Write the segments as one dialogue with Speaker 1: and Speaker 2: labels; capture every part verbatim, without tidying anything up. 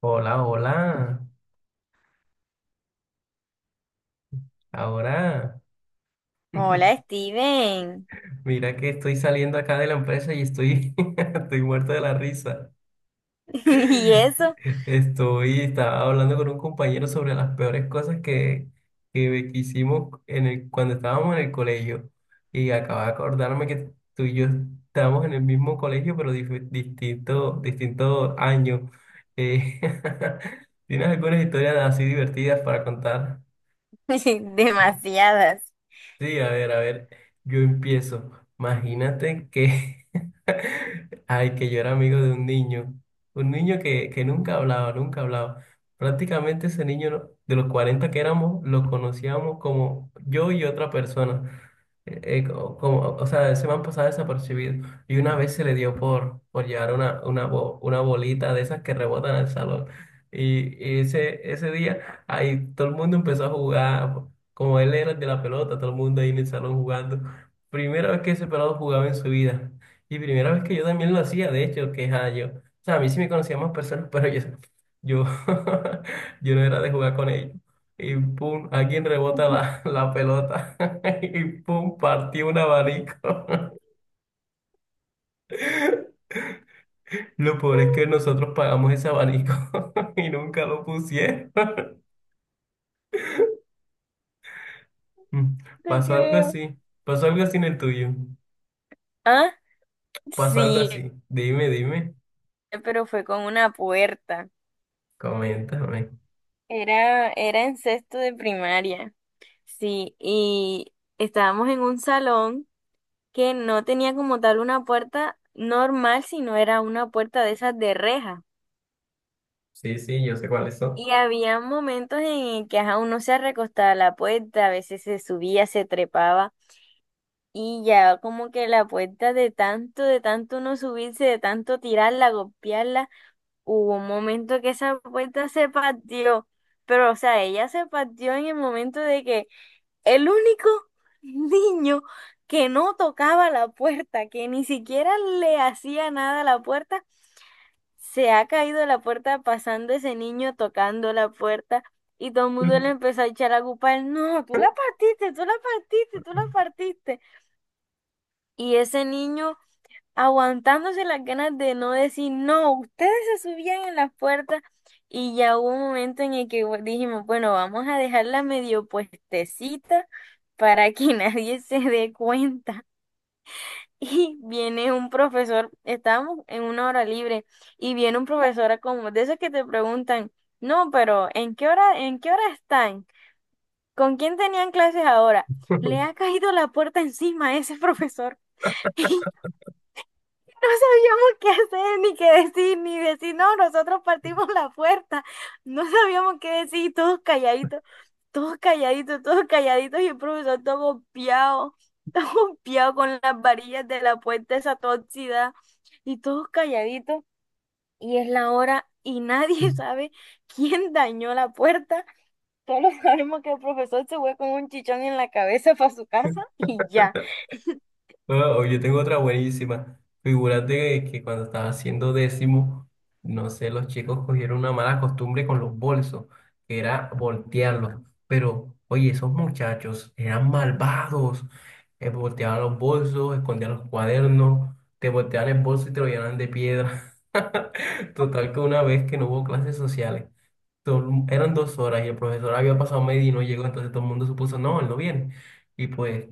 Speaker 1: Hola, hola. Ahora,
Speaker 2: Hola, Steven.
Speaker 1: mira que estoy saliendo acá de la empresa y estoy, estoy muerto de la risa.
Speaker 2: ¿Y eso?
Speaker 1: Estoy, estaba hablando con un compañero sobre las peores cosas que, que hicimos en el, cuando estábamos en el colegio. Y acabo de acordarme que tú y yo estábamos en el mismo colegio, pero dif- distinto, distinto año. Eh, ¿tienes algunas historias así divertidas para contar?
Speaker 2: Demasiadas.
Speaker 1: Sí, a ver, a ver, yo empiezo. Imagínate que, ay, que yo era amigo de un niño, un niño que, que nunca hablaba, nunca hablaba. Prácticamente ese niño no- de los cuarenta que éramos, lo conocíamos como yo y otra persona eh, co- como, o sea, se me han pasado desapercibido. Y una vez se le dio por, por llevar una, una, bo- una bolita de esas que rebotan al salón. Y, y ese, ese día, ahí todo el mundo empezó a jugar. Como él era el de la pelota, todo el mundo ahí en el salón jugando. Primera vez que ese pelado jugaba en su vida. Y primera vez que yo también lo hacía, de hecho, que ja, yo. O sea, a mí sí me conocían más personas, pero yo, yo, yo no era de jugar con ellos y pum, alguien rebota la, la pelota y pum, partió un abanico. Lo peor es que nosotros pagamos ese abanico y nunca lo pusieron. Mm,
Speaker 2: Te
Speaker 1: Pasó algo
Speaker 2: creo.
Speaker 1: así, pasó algo así en el tuyo,
Speaker 2: Ah,
Speaker 1: pasó algo
Speaker 2: sí,
Speaker 1: así. Dime, dime,
Speaker 2: pero fue con una puerta.
Speaker 1: coméntame.
Speaker 2: Era, era en sexto de primaria. Sí, y estábamos en un salón que no tenía como tal una puerta normal, sino era una puerta de esas de reja.
Speaker 1: Sí, sí, yo sé cuáles son.
Speaker 2: Y había momentos en el que ajá, uno se recostaba a la puerta, a veces se subía, se trepaba. Y ya como que la puerta de tanto, de tanto no subirse, de tanto tirarla, golpearla, hubo un momento que esa puerta se partió. Pero, o sea, ella se partió en el momento de que el único niño que no tocaba la puerta, que ni siquiera le hacía nada a la puerta, se ha caído de la puerta pasando ese niño tocando la puerta. Y todo el mundo le empezó a echar la culpa a él. No, tú la partiste, tú la partiste, tú la partiste. Y ese niño aguantándose las ganas de no decir, no, ustedes se subían en las puertas y ya hubo un momento en el que bu- dijimos, bueno, vamos a dejarla medio puestecita para que nadie se dé cuenta. Y viene un profesor, estábamos en una hora libre y viene un profesor a como de esos que te preguntan, no, pero ¿en qué hora, en qué hora están? ¿Con quién tenían clases ahora? Le ha caído la puerta encima a ese profesor. No sabíamos qué hacer, ni qué decir, ni decir, no, nosotros partimos la puerta. No sabíamos qué decir, todos calladitos, todos calladitos, todos calladitos, y el profesor todo golpeado, todo golpeado con las varillas de la puerta, esa tóxida, y todos calladitos, y es la hora, y nadie sabe quién dañó la puerta. Solo sabemos que el profesor se fue con un chichón en la cabeza para su casa y ya.
Speaker 1: No, yo tengo otra buenísima. Figúrate que cuando estaba haciendo décimo, no sé, los chicos cogieron una mala costumbre con los bolsos, que era voltearlos. Pero, oye, esos muchachos eran malvados. Eh, volteaban los bolsos, escondían los cuadernos, te volteaban el bolso y te lo llenaban de piedra. Total que una vez que no hubo clases sociales, todo- el mu- eran dos horas y el profesor había pasado media y no llegó, entonces todo el mundo supuso, no, él no viene. Y pues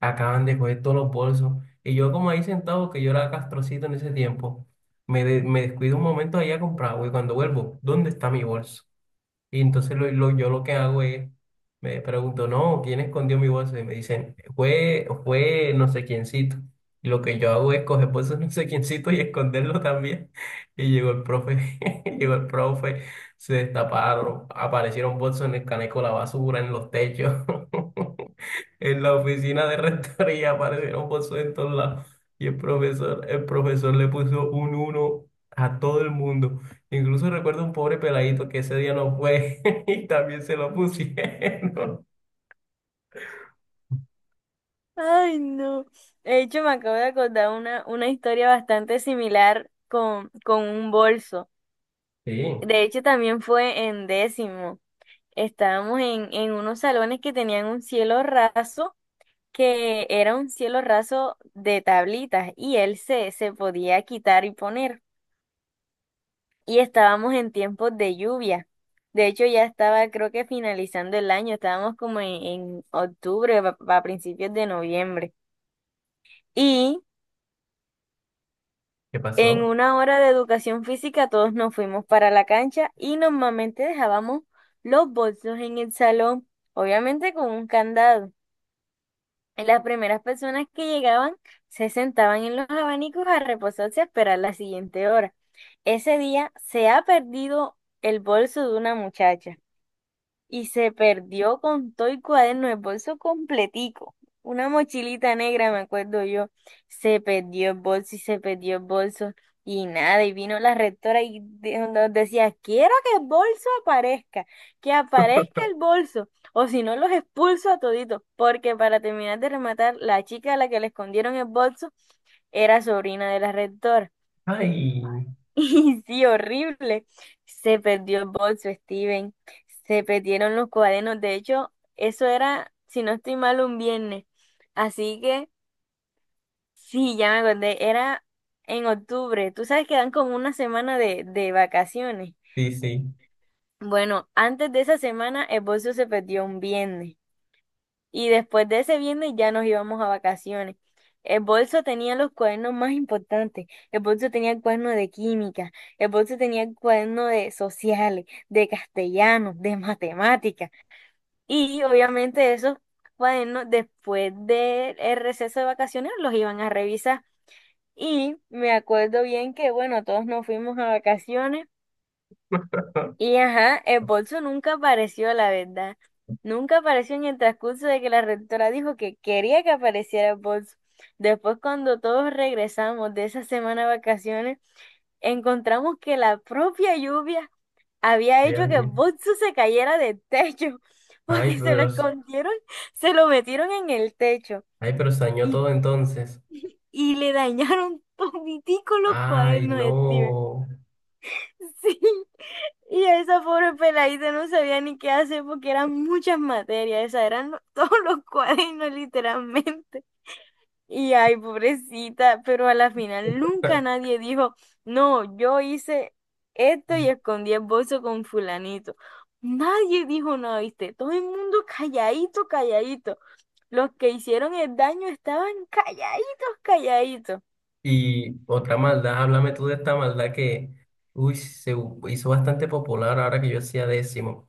Speaker 1: acaban de coger todos los bolsos. Y yo como ahí sentado, que yo era castrocito en ese tiempo, me, de- me descuido un momento ahí a comprar, güey, cuando vuelvo, ¿dónde está mi bolso? Y entonces lo, lo- yo lo que hago es, me pregunto, no, ¿quién escondió mi bolso? Y me dicen, fue, fue no sé quiéncito. Y lo que yo hago es coger bolsos no sé quiéncito y esconderlo también. Y llegó el profe, llegó el profe, se destaparon, aparecieron bolsos en el caneco de la basura, en los techos, en la oficina de rectoría, aparecieron bolsos en todos lados. Y el profesor, el profesor le puso un uno a todo el mundo. Incluso recuerdo un pobre peladito que ese día no fue y también se lo pusieron.
Speaker 2: Ay, no. De hecho, me acabo de acordar una, una historia bastante similar con, con un bolso.
Speaker 1: Sí,
Speaker 2: De hecho, también fue en décimo. Estábamos en, en unos salones que tenían un cielo raso, que era un cielo raso de tablitas, y él se, se podía quitar y poner. Y estábamos en tiempos de lluvia. De hecho, ya estaba, creo que finalizando el año, estábamos como en, en octubre, a a principios de noviembre. Y
Speaker 1: ¿qué
Speaker 2: en
Speaker 1: pasó?
Speaker 2: una hora de educación física todos nos fuimos para la cancha y normalmente dejábamos los bolsos en el salón, obviamente con un candado. Y las primeras personas que llegaban se sentaban en los abanicos a reposarse a esperar la siguiente hora. Ese día se ha perdido el bolso de una muchacha y se perdió con todo el cuaderno, el bolso completico. Una mochilita negra, me acuerdo yo. Se perdió el bolso y se perdió el bolso. Y nada, y vino la rectora y de- nos decía, quiero que el bolso aparezca, que aparezca el bolso, o si no los expulso a toditos, porque para terminar de rematar, la chica a la que le escondieron el bolso era sobrina de la rectora.
Speaker 1: Ay,
Speaker 2: Y sí, horrible. Se perdió el bolso, Steven. Se perdieron los cuadernos. De hecho, eso era, si no estoy mal, un viernes. Así que, sí, ya me acordé. Era en octubre. Tú sabes que dan como una semana de, de vacaciones.
Speaker 1: sí, sí.
Speaker 2: Bueno, antes de esa semana, el bolso se perdió un viernes. Y después de ese viernes ya nos íbamos a vacaciones. El bolso tenía los cuadernos más importantes. El bolso tenía el cuaderno de química. El bolso tenía el cuaderno de sociales, de castellano, de matemáticas. Y obviamente esos cuadernos después del receso de vacaciones los iban a revisar. Y me acuerdo bien que, bueno, todos nos fuimos a vacaciones. Y ajá, el bolso nunca apareció, la verdad. Nunca apareció en el transcurso de que la rectora dijo que quería que apareciera el bolso. Después, cuando todos regresamos de esa semana de vacaciones, encontramos que la propia lluvia había
Speaker 1: Dios
Speaker 2: hecho que el
Speaker 1: mío.
Speaker 2: bolso se cayera del techo,
Speaker 1: Ay,
Speaker 2: porque se lo
Speaker 1: pero, s-
Speaker 2: escondieron, se lo metieron en el techo
Speaker 1: ay, pero se dañó
Speaker 2: y,
Speaker 1: todo entonces.
Speaker 2: y le dañaron toditico los
Speaker 1: Ay,
Speaker 2: cuadernos de Steven.
Speaker 1: no.
Speaker 2: Sí. Y esa pobre peladita no sabía ni qué hacer porque eran muchas materias, esas eran lo- todos los cuadernos literalmente. Y ay, pobrecita, pero a la final nunca nadie dijo, no, yo hice esto y escondí el bolso con fulanito. Nadie dijo nada, ¿viste? Todo el mundo calladito, calladito. Los que hicieron el daño estaban calladitos, calladitos.
Speaker 1: Y otra maldad, háblame tú de esta maldad que, uy, se u- hizo bastante popular ahora que yo hacía décimo.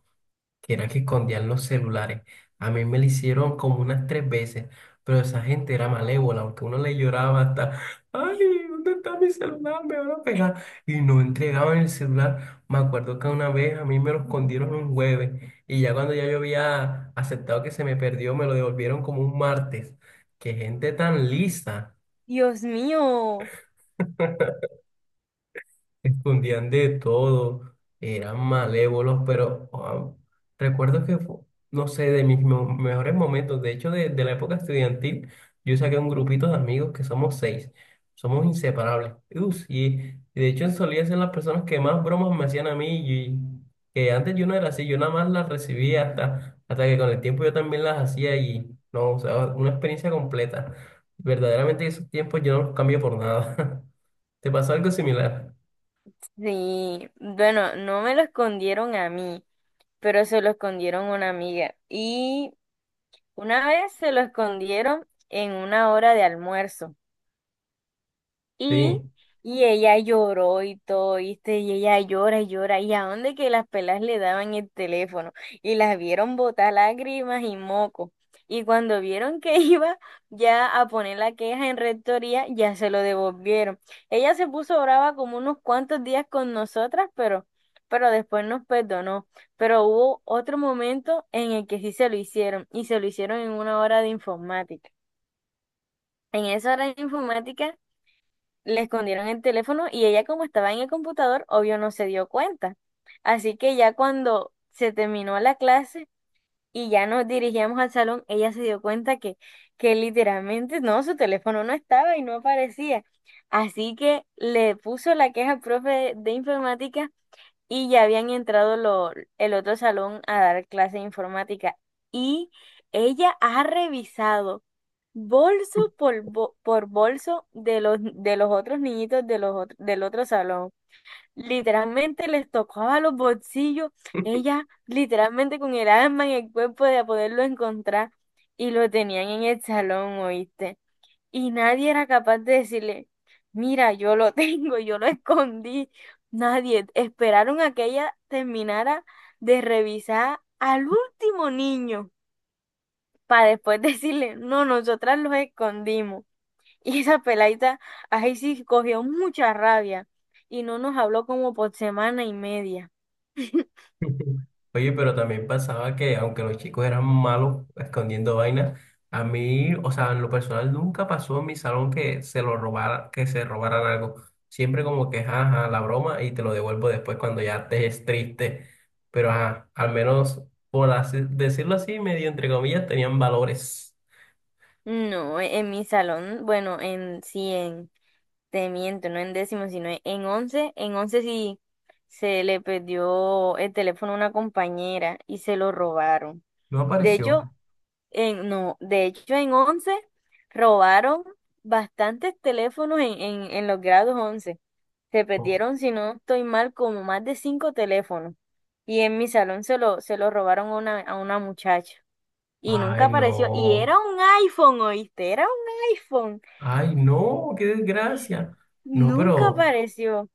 Speaker 1: Que era que escondían los celulares. A mí me lo hicieron como unas tres veces, pero esa gente era malévola, aunque uno le lloraba hasta, ay, ¿dónde está mi celular? Me van a pegar. Y no entregaban el celular. Me acuerdo que una vez a mí me lo escondieron un jueves y ya cuando ya yo había aceptado que se me perdió, me lo devolvieron como un martes. Qué gente tan lisa.
Speaker 2: Dios mío.
Speaker 1: Escondían de todo, eran malévolos, pero ah, recuerdo que, fu- no sé, de mis mo- mejores momentos, de hecho, de, de la época estudiantil, yo saqué un grupito de amigos que somos seis, somos inseparables. Ups, y, y de hecho solía ser las personas que más bromas me hacían a mí, y que antes yo no era así, yo nada más las recibía hasta, hasta que con el tiempo yo también las hacía y, no, o sea, una experiencia completa. Verdaderamente esos tiempos yo no los cambio por nada. ¿Te pasó algo similar?
Speaker 2: Sí, bueno, no me lo escondieron a mí, pero se lo escondieron a una amiga. Y una vez se lo escondieron en una hora de almuerzo. Y,
Speaker 1: Sí.
Speaker 2: y ella lloró y todo, ¿viste? Y ella llora y llora. ¿Y a dónde que las pelas le daban el teléfono? Y las vieron botar lágrimas y moco. Y cuando vieron que iba ya a poner la queja en rectoría, ya se lo devolvieron. Ella se puso brava como unos cuantos días con nosotras, pero, pero después nos perdonó. Pero hubo otro momento en el que sí se lo hicieron, y se lo hicieron en una hora de informática. En esa hora de informática le escondieron el teléfono y ella como estaba en el computador, obvio no se dio cuenta. Así que ya cuando se terminó la clase y ya nos dirigíamos al salón, ella se dio cuenta que, que literalmente no, su teléfono no estaba y no aparecía. Así que le puso la queja al profe de, de informática y ya habían entrado lo- el otro salón a dar clase de informática. Y ella ha revisado bolso por, bo- por bolso de los, de los otros niñitos de los otro- del otro salón. Literalmente les tocaba los bolsillos. Ella, literalmente con el alma en el cuerpo de poderlo encontrar. Y lo tenían en el salón, ¿oíste? Y nadie era capaz de decirle, mira, yo lo tengo, yo lo escondí. Nadie. Esperaron a que ella terminara de revisar al último niño para después decirle, no, nosotras los escondimos. Y esa peladita, ahí sí cogió mucha rabia y no nos habló como por semana y media.
Speaker 1: Oye, pero también pasaba que aunque los chicos eran malos escondiendo vainas, a mí, o sea, en lo personal nunca pasó en mi salón que se lo robara, que se robaran algo. Siempre como que, ajá, ajá, la broma y te lo devuelvo después cuando ya te es triste. Pero ajá, al menos por así, decirlo así, medio entre comillas, tenían valores.
Speaker 2: No, e- en mi salón, bueno, en sí, en, te miento, no en décimo, sino en en once, en once sí se le perdió el teléfono a una compañera y se lo robaron.
Speaker 1: No
Speaker 2: De hecho,
Speaker 1: apareció.
Speaker 2: en, no, de hecho en once robaron bastantes teléfonos en, en, en los grados once. Se
Speaker 1: No.
Speaker 2: perdieron, si no estoy mal, como más de cinco teléfonos. Y en mi salón se lo, se lo robaron a una, a una muchacha. Y nunca
Speaker 1: Ay,
Speaker 2: apareció. Y
Speaker 1: no.
Speaker 2: era un iPhone, ¿oíste? Era un iPhone.
Speaker 1: Ay, no, qué desgracia. No,
Speaker 2: Nunca
Speaker 1: pero
Speaker 2: apareció.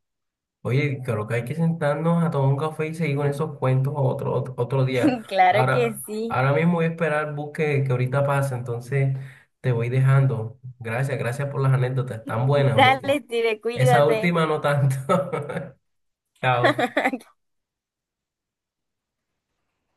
Speaker 1: oye, creo que hay que sentarnos a tomar un café y seguir con esos cuentos otro, otro, otro día.
Speaker 2: Claro que
Speaker 1: Ahora,
Speaker 2: sí.
Speaker 1: ahora mismo voy a esperar el bus que, que ahorita pasa, entonces te voy dejando. Gracias, gracias por las anécdotas, tan buenas, ¿oíste?
Speaker 2: Dale, Steve,
Speaker 1: Esa
Speaker 2: cuídate.
Speaker 1: última no tanto. Chao.